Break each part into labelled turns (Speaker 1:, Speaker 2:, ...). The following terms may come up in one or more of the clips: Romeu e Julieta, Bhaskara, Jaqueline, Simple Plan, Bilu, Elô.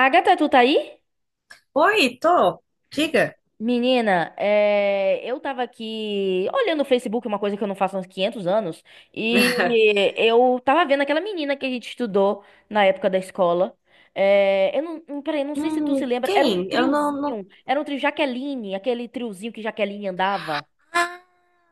Speaker 1: Agatha, tu tá aí?
Speaker 2: Oi, tô. Diga.
Speaker 1: Menina, é, eu tava aqui olhando o Facebook, uma coisa que eu não faço há uns 500 anos, e eu tava vendo aquela menina que a gente estudou na época da escola. Eu não, não- Peraí, não sei se tu se lembra, era um
Speaker 2: Quem? Eu não
Speaker 1: triozinho, era um trio Jaqueline, aquele triozinho que Jaqueline andava.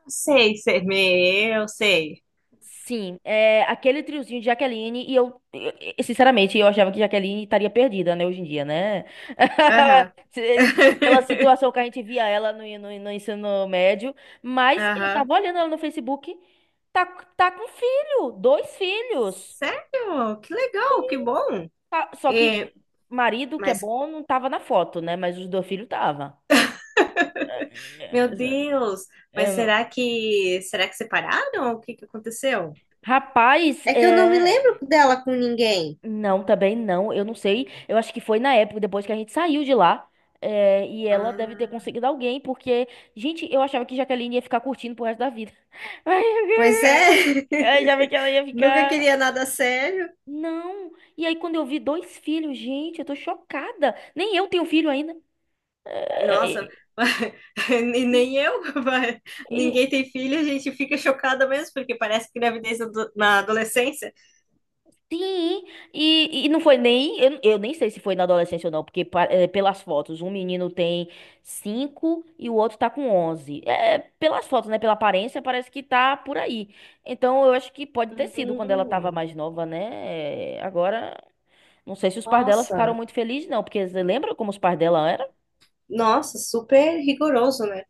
Speaker 2: sei ser me, eu sei.
Speaker 1: Sim, é aquele triozinho de Jaqueline e sinceramente, eu achava que Jaqueline estaria perdida, né, hoje em dia, né?
Speaker 2: Aham.
Speaker 1: Pela situação que a gente via ela no ensino médio, mas eu
Speaker 2: Aham.
Speaker 1: tava olhando ela no Facebook, tá, tá com filho, dois filhos.
Speaker 2: Sério? Que legal, que bom.
Speaker 1: Só que
Speaker 2: E,
Speaker 1: marido, que é
Speaker 2: mas,
Speaker 1: bom, não tava na foto, né? Mas os dois filhos tava. É,
Speaker 2: meu Deus, mas
Speaker 1: é,
Speaker 2: será que separaram? O que que aconteceu?
Speaker 1: rapaz,
Speaker 2: É que eu não me lembro
Speaker 1: é.
Speaker 2: dela com ninguém.
Speaker 1: Não, também não. Eu não sei. Eu acho que foi na época, depois que a gente saiu de lá. E ela deve ter
Speaker 2: Ah,
Speaker 1: conseguido alguém, porque, gente, eu achava que Jaqueline ia ficar curtindo pro resto da vida.
Speaker 2: pois é.
Speaker 1: Eu achava que ela ia
Speaker 2: Nunca
Speaker 1: ficar.
Speaker 2: queria nada sério.
Speaker 1: Não. E aí, quando eu vi dois filhos, gente, eu tô chocada. Nem eu tenho filho ainda. É,
Speaker 2: Nossa,
Speaker 1: é,
Speaker 2: e nem eu,
Speaker 1: é,
Speaker 2: ninguém tem filho. A gente fica chocada mesmo, porque parece que gravidez na adolescência.
Speaker 1: Sim, e não foi nem. Eu nem sei se foi na adolescência ou não, porque pelas fotos, um menino tem 5 e o outro tá com 11. É, é, pelas fotos, né? Pela aparência, parece que tá por aí. Então eu acho que pode ter sido quando ela tava
Speaker 2: Hum,
Speaker 1: mais nova, né? Agora, não sei se os pais dela ficaram
Speaker 2: nossa,
Speaker 1: muito felizes, não, porque você lembra como os pais dela eram?
Speaker 2: nossa, super rigoroso, né?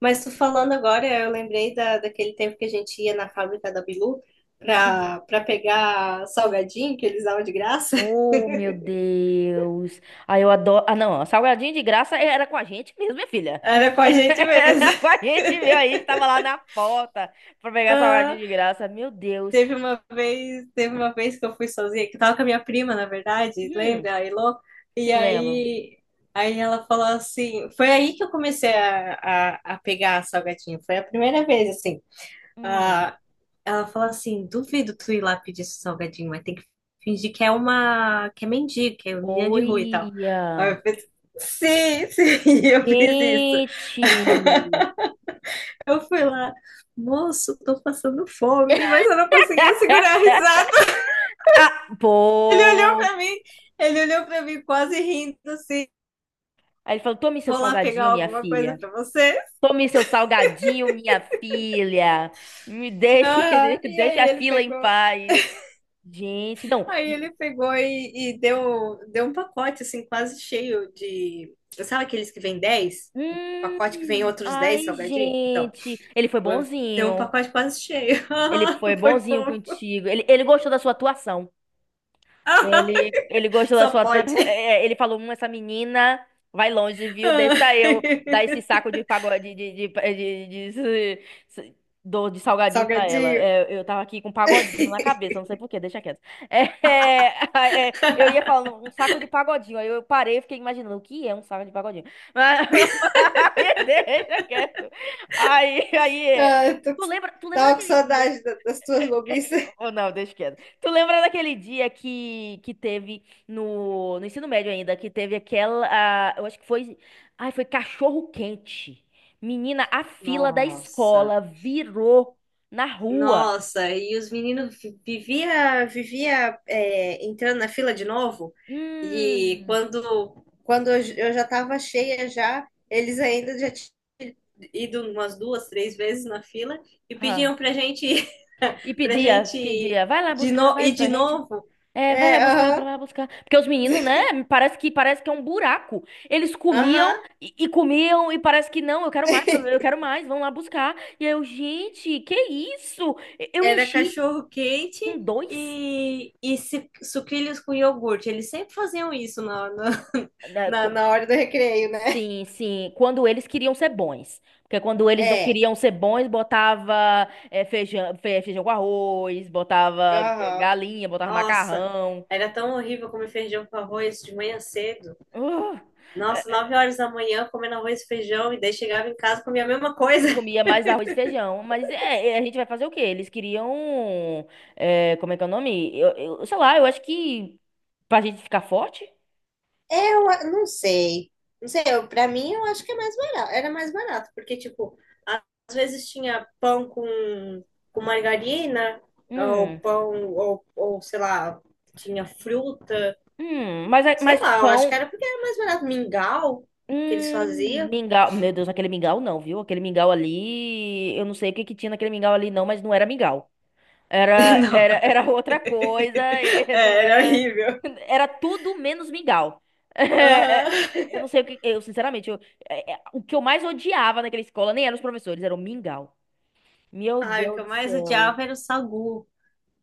Speaker 2: Mas tu falando agora, eu lembrei daquele tempo que a gente ia na fábrica da Bilu pra pegar salgadinho que eles davam de graça.
Speaker 1: Oh, meu Deus. Ah, eu adoro. Ah, não. Salgadinho de graça era com a gente mesmo, minha filha.
Speaker 2: Era com a gente mesmo.
Speaker 1: Era com a gente mesmo. A gente tava lá na porta pra pegar salgadinho
Speaker 2: Ah,
Speaker 1: de graça. Meu Deus.
Speaker 2: teve uma vez que eu fui sozinha, que eu tava com a minha prima, na verdade,
Speaker 1: Hum,
Speaker 2: lembra, a Elô? E
Speaker 1: sim, lembro.
Speaker 2: aí, aí ela falou assim, foi aí que eu comecei a pegar salgadinho, foi a primeira vez, assim.
Speaker 1: Hum.
Speaker 2: Ah, ela falou assim: duvido tu ir lá pedir seu salgadinho, mas tem que fingir que é uma, que é mendigo, que é uma menina de rua e tal. Aí
Speaker 1: Olha.
Speaker 2: eu fiz, sim, sim, eu fiz isso.
Speaker 1: Gente.
Speaker 2: Eu fui lá, moço, tô passando fome, mas eu não conseguia segurar a risada.
Speaker 1: Ah,
Speaker 2: Ele olhou pra
Speaker 1: pô.
Speaker 2: mim, Ele olhou pra mim quase rindo assim.
Speaker 1: Aí ele falou: tome seu
Speaker 2: Vou lá pegar
Speaker 1: salgadinho, minha
Speaker 2: alguma coisa
Speaker 1: filha.
Speaker 2: pra você.
Speaker 1: Tome seu salgadinho, minha filha. Me deixe,
Speaker 2: Aham.
Speaker 1: deixe a fila em paz. Gente, não.
Speaker 2: Aí ele pegou e deu um pacote, assim, quase cheio de. Sabe aqueles que vem 10? Pacote que vem outros 10
Speaker 1: Ai,
Speaker 2: salgadinho? Então,
Speaker 1: gente. Ele foi
Speaker 2: deu um
Speaker 1: bonzinho.
Speaker 2: pacote quase cheio.
Speaker 1: Ele foi
Speaker 2: Foi
Speaker 1: bonzinho
Speaker 2: fofo.
Speaker 1: contigo. Ele gostou da sua atuação. Ele gostou da
Speaker 2: Só
Speaker 1: sua.
Speaker 2: pode.
Speaker 1: Ele falou: essa menina vai longe, viu? Deixa eu dar esse saco de pagode de- de- de salgadinho pra ela.
Speaker 2: Salgadinho.
Speaker 1: É, eu tava aqui com um pagodinho na cabeça, não sei por quê, deixa quieto. É, eu ia falando um saco de pagodinho, aí eu parei e fiquei imaginando o que é um saco de pagodinho. Mas, mas deixa quieto. Aí,
Speaker 2: Ah,
Speaker 1: tu lembra
Speaker 2: tava com
Speaker 1: daquele dia?
Speaker 2: saudade das tuas bobices.
Speaker 1: Ou não, deixa quieto. Tu lembra daquele dia que teve no ensino médio ainda, que teve aquela, ah, eu acho que foi, foi cachorro quente. Menina, a fila da
Speaker 2: Nossa.
Speaker 1: escola virou na rua.
Speaker 2: Nossa, e os meninos vivia entrando na fila de novo. E
Speaker 1: Hum.
Speaker 2: quando eu já estava cheia já, eles ainda já tinham ido umas duas, três vezes na fila e pediam
Speaker 1: Ah. E
Speaker 2: pra gente
Speaker 1: pedia,
Speaker 2: ir
Speaker 1: pedia, vai lá
Speaker 2: de
Speaker 1: buscar,
Speaker 2: no,
Speaker 1: vai
Speaker 2: ir
Speaker 1: pra
Speaker 2: de
Speaker 1: gente.
Speaker 2: novo.
Speaker 1: É, vai lá
Speaker 2: É,
Speaker 1: buscar, vai
Speaker 2: aham,
Speaker 1: lá buscar. Porque os meninos, né? Parece que é um buraco. Eles comiam
Speaker 2: aham.
Speaker 1: e comiam e parece que não, eu quero mais, vão lá buscar. E eu, gente, que isso? Eu
Speaker 2: Era
Speaker 1: enchi
Speaker 2: cachorro quente
Speaker 1: com dois,
Speaker 2: e sucrilhos com iogurte. Eles sempre faziam isso
Speaker 1: né,
Speaker 2: na na hora do recreio, né?
Speaker 1: Sim, sim, quando eles queriam ser bons. Porque quando eles não
Speaker 2: É,
Speaker 1: queriam ser bons, botava feijão, feijão com arroz, botava
Speaker 2: aham.
Speaker 1: galinha, botava
Speaker 2: Nossa,
Speaker 1: macarrão.
Speaker 2: era tão horrível comer feijão com arroz de manhã cedo.
Speaker 1: Uh!
Speaker 2: Nossa, 9 horas da manhã comendo arroz e feijão e daí chegava em casa e comia a mesma coisa.
Speaker 1: E comia mais arroz e feijão. Mas a gente vai fazer o quê? Eles queriam. Como é que é o nome? Sei lá, eu acho que. Pra gente ficar forte?
Speaker 2: Não sei. Não sei, eu, pra mim eu acho que é mais barato. Era mais barato, porque, tipo, a- às vezes tinha pão com margarina, ou
Speaker 1: Hum.
Speaker 2: pão, ou sei lá, tinha fruta.
Speaker 1: Hum. Mas, é-
Speaker 2: Sei
Speaker 1: mas
Speaker 2: lá, eu acho que
Speaker 1: pão.
Speaker 2: era porque era mais barato. Mingau que eles
Speaker 1: Hum.
Speaker 2: faziam.
Speaker 1: Mingau. Meu Deus, aquele mingau não, viu? Aquele mingau ali. Eu não sei o que que tinha naquele mingau ali, não, mas não era mingau. Era,
Speaker 2: Não.
Speaker 1: era outra coisa, não
Speaker 2: É, era
Speaker 1: era.
Speaker 2: horrível.
Speaker 1: Era tudo menos mingau. Eh, eh,
Speaker 2: Aham.
Speaker 1: Eu não sei o que. Eu, sinceramente, o que eu mais odiava naquela escola nem eram os professores, era o mingau. Meu
Speaker 2: Ai, o que
Speaker 1: Deus
Speaker 2: eu
Speaker 1: do
Speaker 2: mais
Speaker 1: céu.
Speaker 2: odiava era o sagu.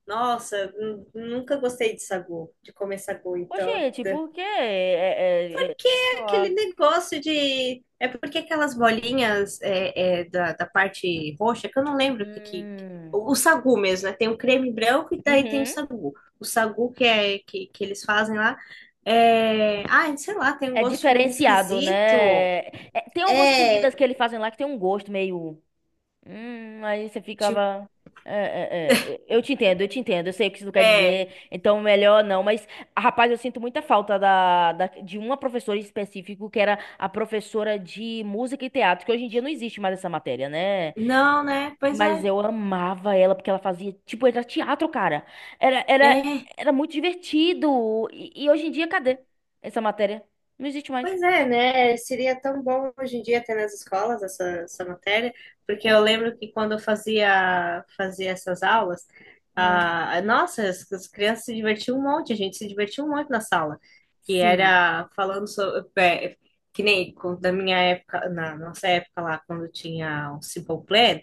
Speaker 2: Nossa, nunca gostei de sagu, de comer sagu. Então,
Speaker 1: Oxente,
Speaker 2: é
Speaker 1: por quê? É, é, é, ó,
Speaker 2: aquele negócio de. É porque aquelas bolinhas da parte roxa, que eu não lembro o que, que.
Speaker 1: hum,
Speaker 2: O sagu mesmo, né? Tem o creme branco e daí tem o
Speaker 1: uhum.
Speaker 2: sagu. O sagu que eles fazem lá. É. Ai, sei lá, tem um
Speaker 1: É
Speaker 2: gosto de uva
Speaker 1: diferenciado,
Speaker 2: esquisito.
Speaker 1: né? É, tem algumas
Speaker 2: É,
Speaker 1: comidas que eles fazem lá que tem um gosto meio. Aí você
Speaker 2: tipo,
Speaker 1: ficava. É, é, é. Eu te entendo, eu te entendo. Eu sei o que isso quer
Speaker 2: é.
Speaker 1: dizer. Então, melhor não. Mas, rapaz, eu sinto muita falta de uma professora em específico, que era a professora de música e teatro, que hoje em dia não existe mais essa matéria, né?
Speaker 2: Não, né? Pois
Speaker 1: Mas
Speaker 2: é.
Speaker 1: eu amava ela, porque ela fazia. Tipo, era teatro, cara. Era, era,
Speaker 2: É,
Speaker 1: era muito divertido. E hoje em dia, cadê essa matéria? Não existe mais.
Speaker 2: pois é, né? Seria tão bom hoje em dia ter nas escolas essa matéria, porque eu
Speaker 1: É,
Speaker 2: lembro que quando eu fazia essas aulas,
Speaker 1: hum.
Speaker 2: ah, nossa, as crianças se divertiam um monte, a gente se divertiu um monte na sala, que
Speaker 1: Sim.
Speaker 2: era falando sobre, que nem da minha época, na nossa época lá, quando tinha o Simple Plan.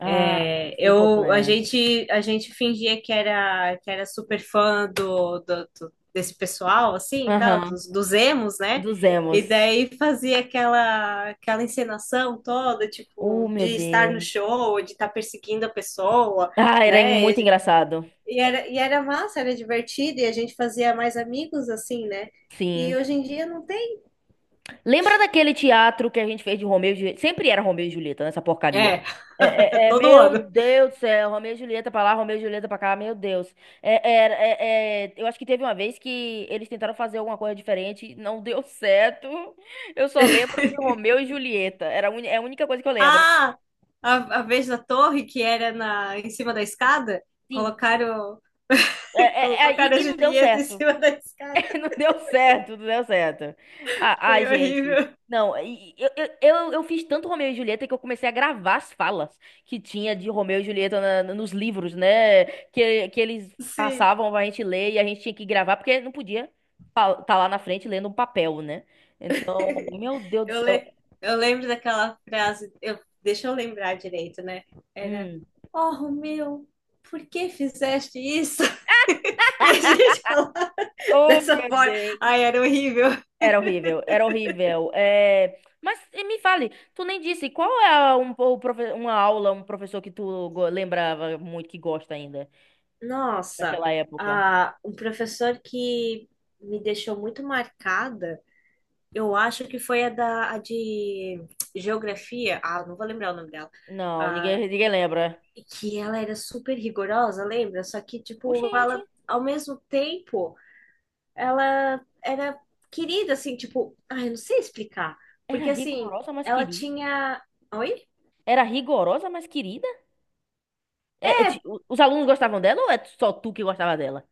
Speaker 1: Ah, Simple
Speaker 2: Eu, a
Speaker 1: Plan.
Speaker 2: gente, a gente fingia que era super fã desse pessoal, assim, e tal,
Speaker 1: Aham.
Speaker 2: dos emos, né?
Speaker 1: Dos
Speaker 2: E
Speaker 1: emos.
Speaker 2: daí fazia aquela encenação toda,
Speaker 1: Oh,
Speaker 2: tipo,
Speaker 1: meu
Speaker 2: de estar no
Speaker 1: Deus.
Speaker 2: show, de estar perseguindo a pessoa,
Speaker 1: Ah, era
Speaker 2: né?
Speaker 1: muito
Speaker 2: E,
Speaker 1: engraçado.
Speaker 2: e era, e era massa, era divertido, e a gente fazia mais amigos, assim, né? E
Speaker 1: Sim.
Speaker 2: hoje em dia não tem.
Speaker 1: Lembra daquele teatro que a gente fez de Romeu e Julieta? Sempre era Romeu e Julieta, nessa porcaria.
Speaker 2: É,
Speaker 1: É, é- é,
Speaker 2: todo
Speaker 1: meu
Speaker 2: ano.
Speaker 1: Deus do céu, Romeu e Julieta pra lá, Romeu e Julieta pra cá, meu Deus. Eu acho que teve uma vez que eles tentaram fazer alguma coisa diferente, não deu certo. Eu só lembro de Romeu e Julieta, é a única coisa que eu lembro.
Speaker 2: Ah, a vez da torre que era em cima da escada,
Speaker 1: Sim,
Speaker 2: colocaram. Colocaram
Speaker 1: e,
Speaker 2: a
Speaker 1: e não deu
Speaker 2: Julieta em
Speaker 1: certo.
Speaker 2: cima da escada.
Speaker 1: Não deu certo, não deu certo. Ah,
Speaker 2: Foi
Speaker 1: ai, gente.
Speaker 2: horrível.
Speaker 1: Não, eu fiz tanto Romeu e Julieta que eu comecei a gravar as falas que tinha de Romeu e Julieta nos livros, né? Que eles
Speaker 2: Sim.
Speaker 1: passavam pra gente ler e a gente tinha que gravar, porque não podia estar lá na frente lendo um papel, né? Então, meu Deus do
Speaker 2: Eu,
Speaker 1: céu.
Speaker 2: le... eu lembro daquela frase. Deixa eu lembrar direito, né? Era:
Speaker 1: Hum.
Speaker 2: Oh, Romeu, por que fizeste isso? E a gente falava
Speaker 1: Oh,
Speaker 2: dessa
Speaker 1: meu
Speaker 2: forma.
Speaker 1: Deus.
Speaker 2: Ai, era horrível.
Speaker 1: Era horrível, era horrível. Mas me fale, tu nem disse, qual é uma aula, um professor que tu lembrava muito, que gosta ainda,
Speaker 2: Nossa,
Speaker 1: daquela época?
Speaker 2: ah, um professor que me deixou muito marcada, eu acho que foi a de geografia. Ah, não vou lembrar o nome dela.
Speaker 1: Não,
Speaker 2: Ah,
Speaker 1: ninguém, ninguém lembra.
Speaker 2: que ela era super rigorosa, lembra? Só que, tipo,
Speaker 1: Oxente,
Speaker 2: ela, ao mesmo tempo, ela era querida, assim, tipo, ai, eu não sei explicar.
Speaker 1: era
Speaker 2: Porque, assim,
Speaker 1: rigorosa, mas
Speaker 2: ela
Speaker 1: querida.
Speaker 2: tinha. Oi?
Speaker 1: Era rigorosa, mas querida? Os alunos gostavam dela ou é só tu que gostava dela?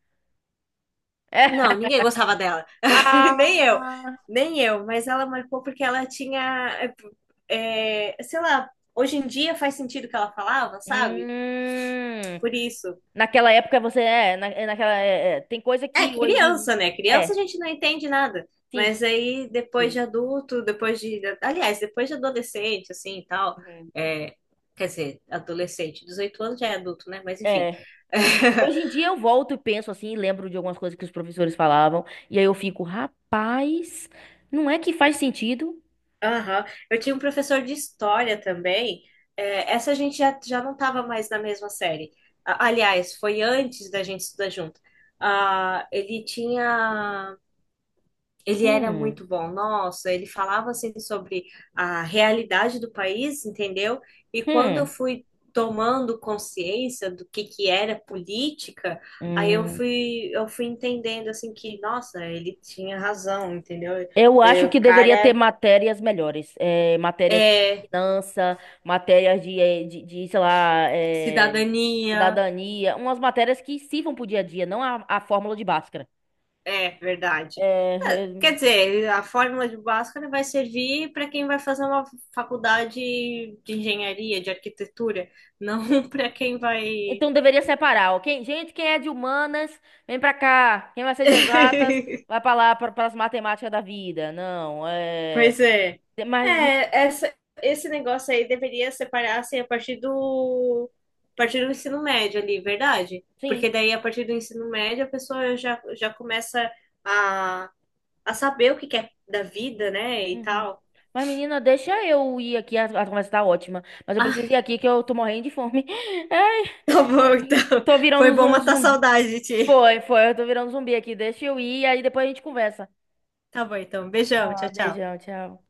Speaker 2: Não, ninguém gostava dela. Nem eu.
Speaker 1: Ah,
Speaker 2: Nem eu. Mas ela marcou porque ela tinha. É, sei lá, hoje em dia faz sentido o que ela falava, sabe?
Speaker 1: hum.
Speaker 2: Por isso.
Speaker 1: Naquela época você é, na, é naquela é, é, tem coisa
Speaker 2: É
Speaker 1: que hoje
Speaker 2: criança, né? Criança a
Speaker 1: é,
Speaker 2: gente não entende nada.
Speaker 1: sim.
Speaker 2: Mas aí, depois
Speaker 1: Sim.
Speaker 2: de adulto, depois de. Aliás, depois de adolescente, assim e tal.
Speaker 1: Uhum.
Speaker 2: É, quer dizer, adolescente, 18 anos já é adulto, né? Mas enfim.
Speaker 1: É. Hoje em dia eu volto e penso assim, e lembro de algumas coisas que os professores falavam, e aí eu fico, rapaz, não é que faz sentido?
Speaker 2: Aham. Eu tinha um professor de história também. É, essa a gente já não estava mais na mesma série. Aliás, foi antes da gente estudar junto. Ah, ele era
Speaker 1: Hum,
Speaker 2: muito bom, nossa, ele falava assim sobre a realidade do país, entendeu? E quando eu
Speaker 1: hum,
Speaker 2: fui tomando consciência do que era política, aí eu
Speaker 1: hum.
Speaker 2: fui eu fui entendendo assim que, nossa, ele tinha razão, entendeu?
Speaker 1: Eu acho
Speaker 2: É, o
Speaker 1: que deveria ter
Speaker 2: cara
Speaker 1: matérias melhores, matérias de
Speaker 2: é
Speaker 1: finança, matérias de, sei lá,
Speaker 2: cidadania,
Speaker 1: cidadania, umas matérias que sirvam pro dia a dia, não a fórmula de Bhaskara.
Speaker 2: é verdade.
Speaker 1: É,
Speaker 2: Quer dizer, a fórmula de Bhaskara vai servir para quem vai fazer uma faculdade de engenharia, de arquitetura, não para quem vai
Speaker 1: então deveria separar, ok? Gente, quem é de humanas, vem pra cá. Quem vai ser de exatas, vai pra lá, para as matemáticas da vida. Não, é.
Speaker 2: pois é.
Speaker 1: Mas,
Speaker 2: É, esse negócio aí deveria separar assim, a partir do ensino médio ali, verdade?
Speaker 1: sim.
Speaker 2: Porque daí, a partir do ensino médio, a pessoa já começa a, a saber o que quer da vida, né? E
Speaker 1: Uhum.
Speaker 2: tal.
Speaker 1: Mas, menina, deixa eu ir aqui. A conversa tá ótima. Mas eu
Speaker 2: Ah,
Speaker 1: preciso ir aqui que eu tô morrendo de fome. Ai,
Speaker 2: tá bom, então.
Speaker 1: tô virando
Speaker 2: Foi bom
Speaker 1: um
Speaker 2: matar a
Speaker 1: zumbi.
Speaker 2: saudade de ti.
Speaker 1: Foi, foi. Eu tô virando zumbi aqui. Deixa eu ir, aí depois a gente conversa.
Speaker 2: Tá bom, então. Beijão, tchau,
Speaker 1: Ah,
Speaker 2: tchau.
Speaker 1: beijão, tchau.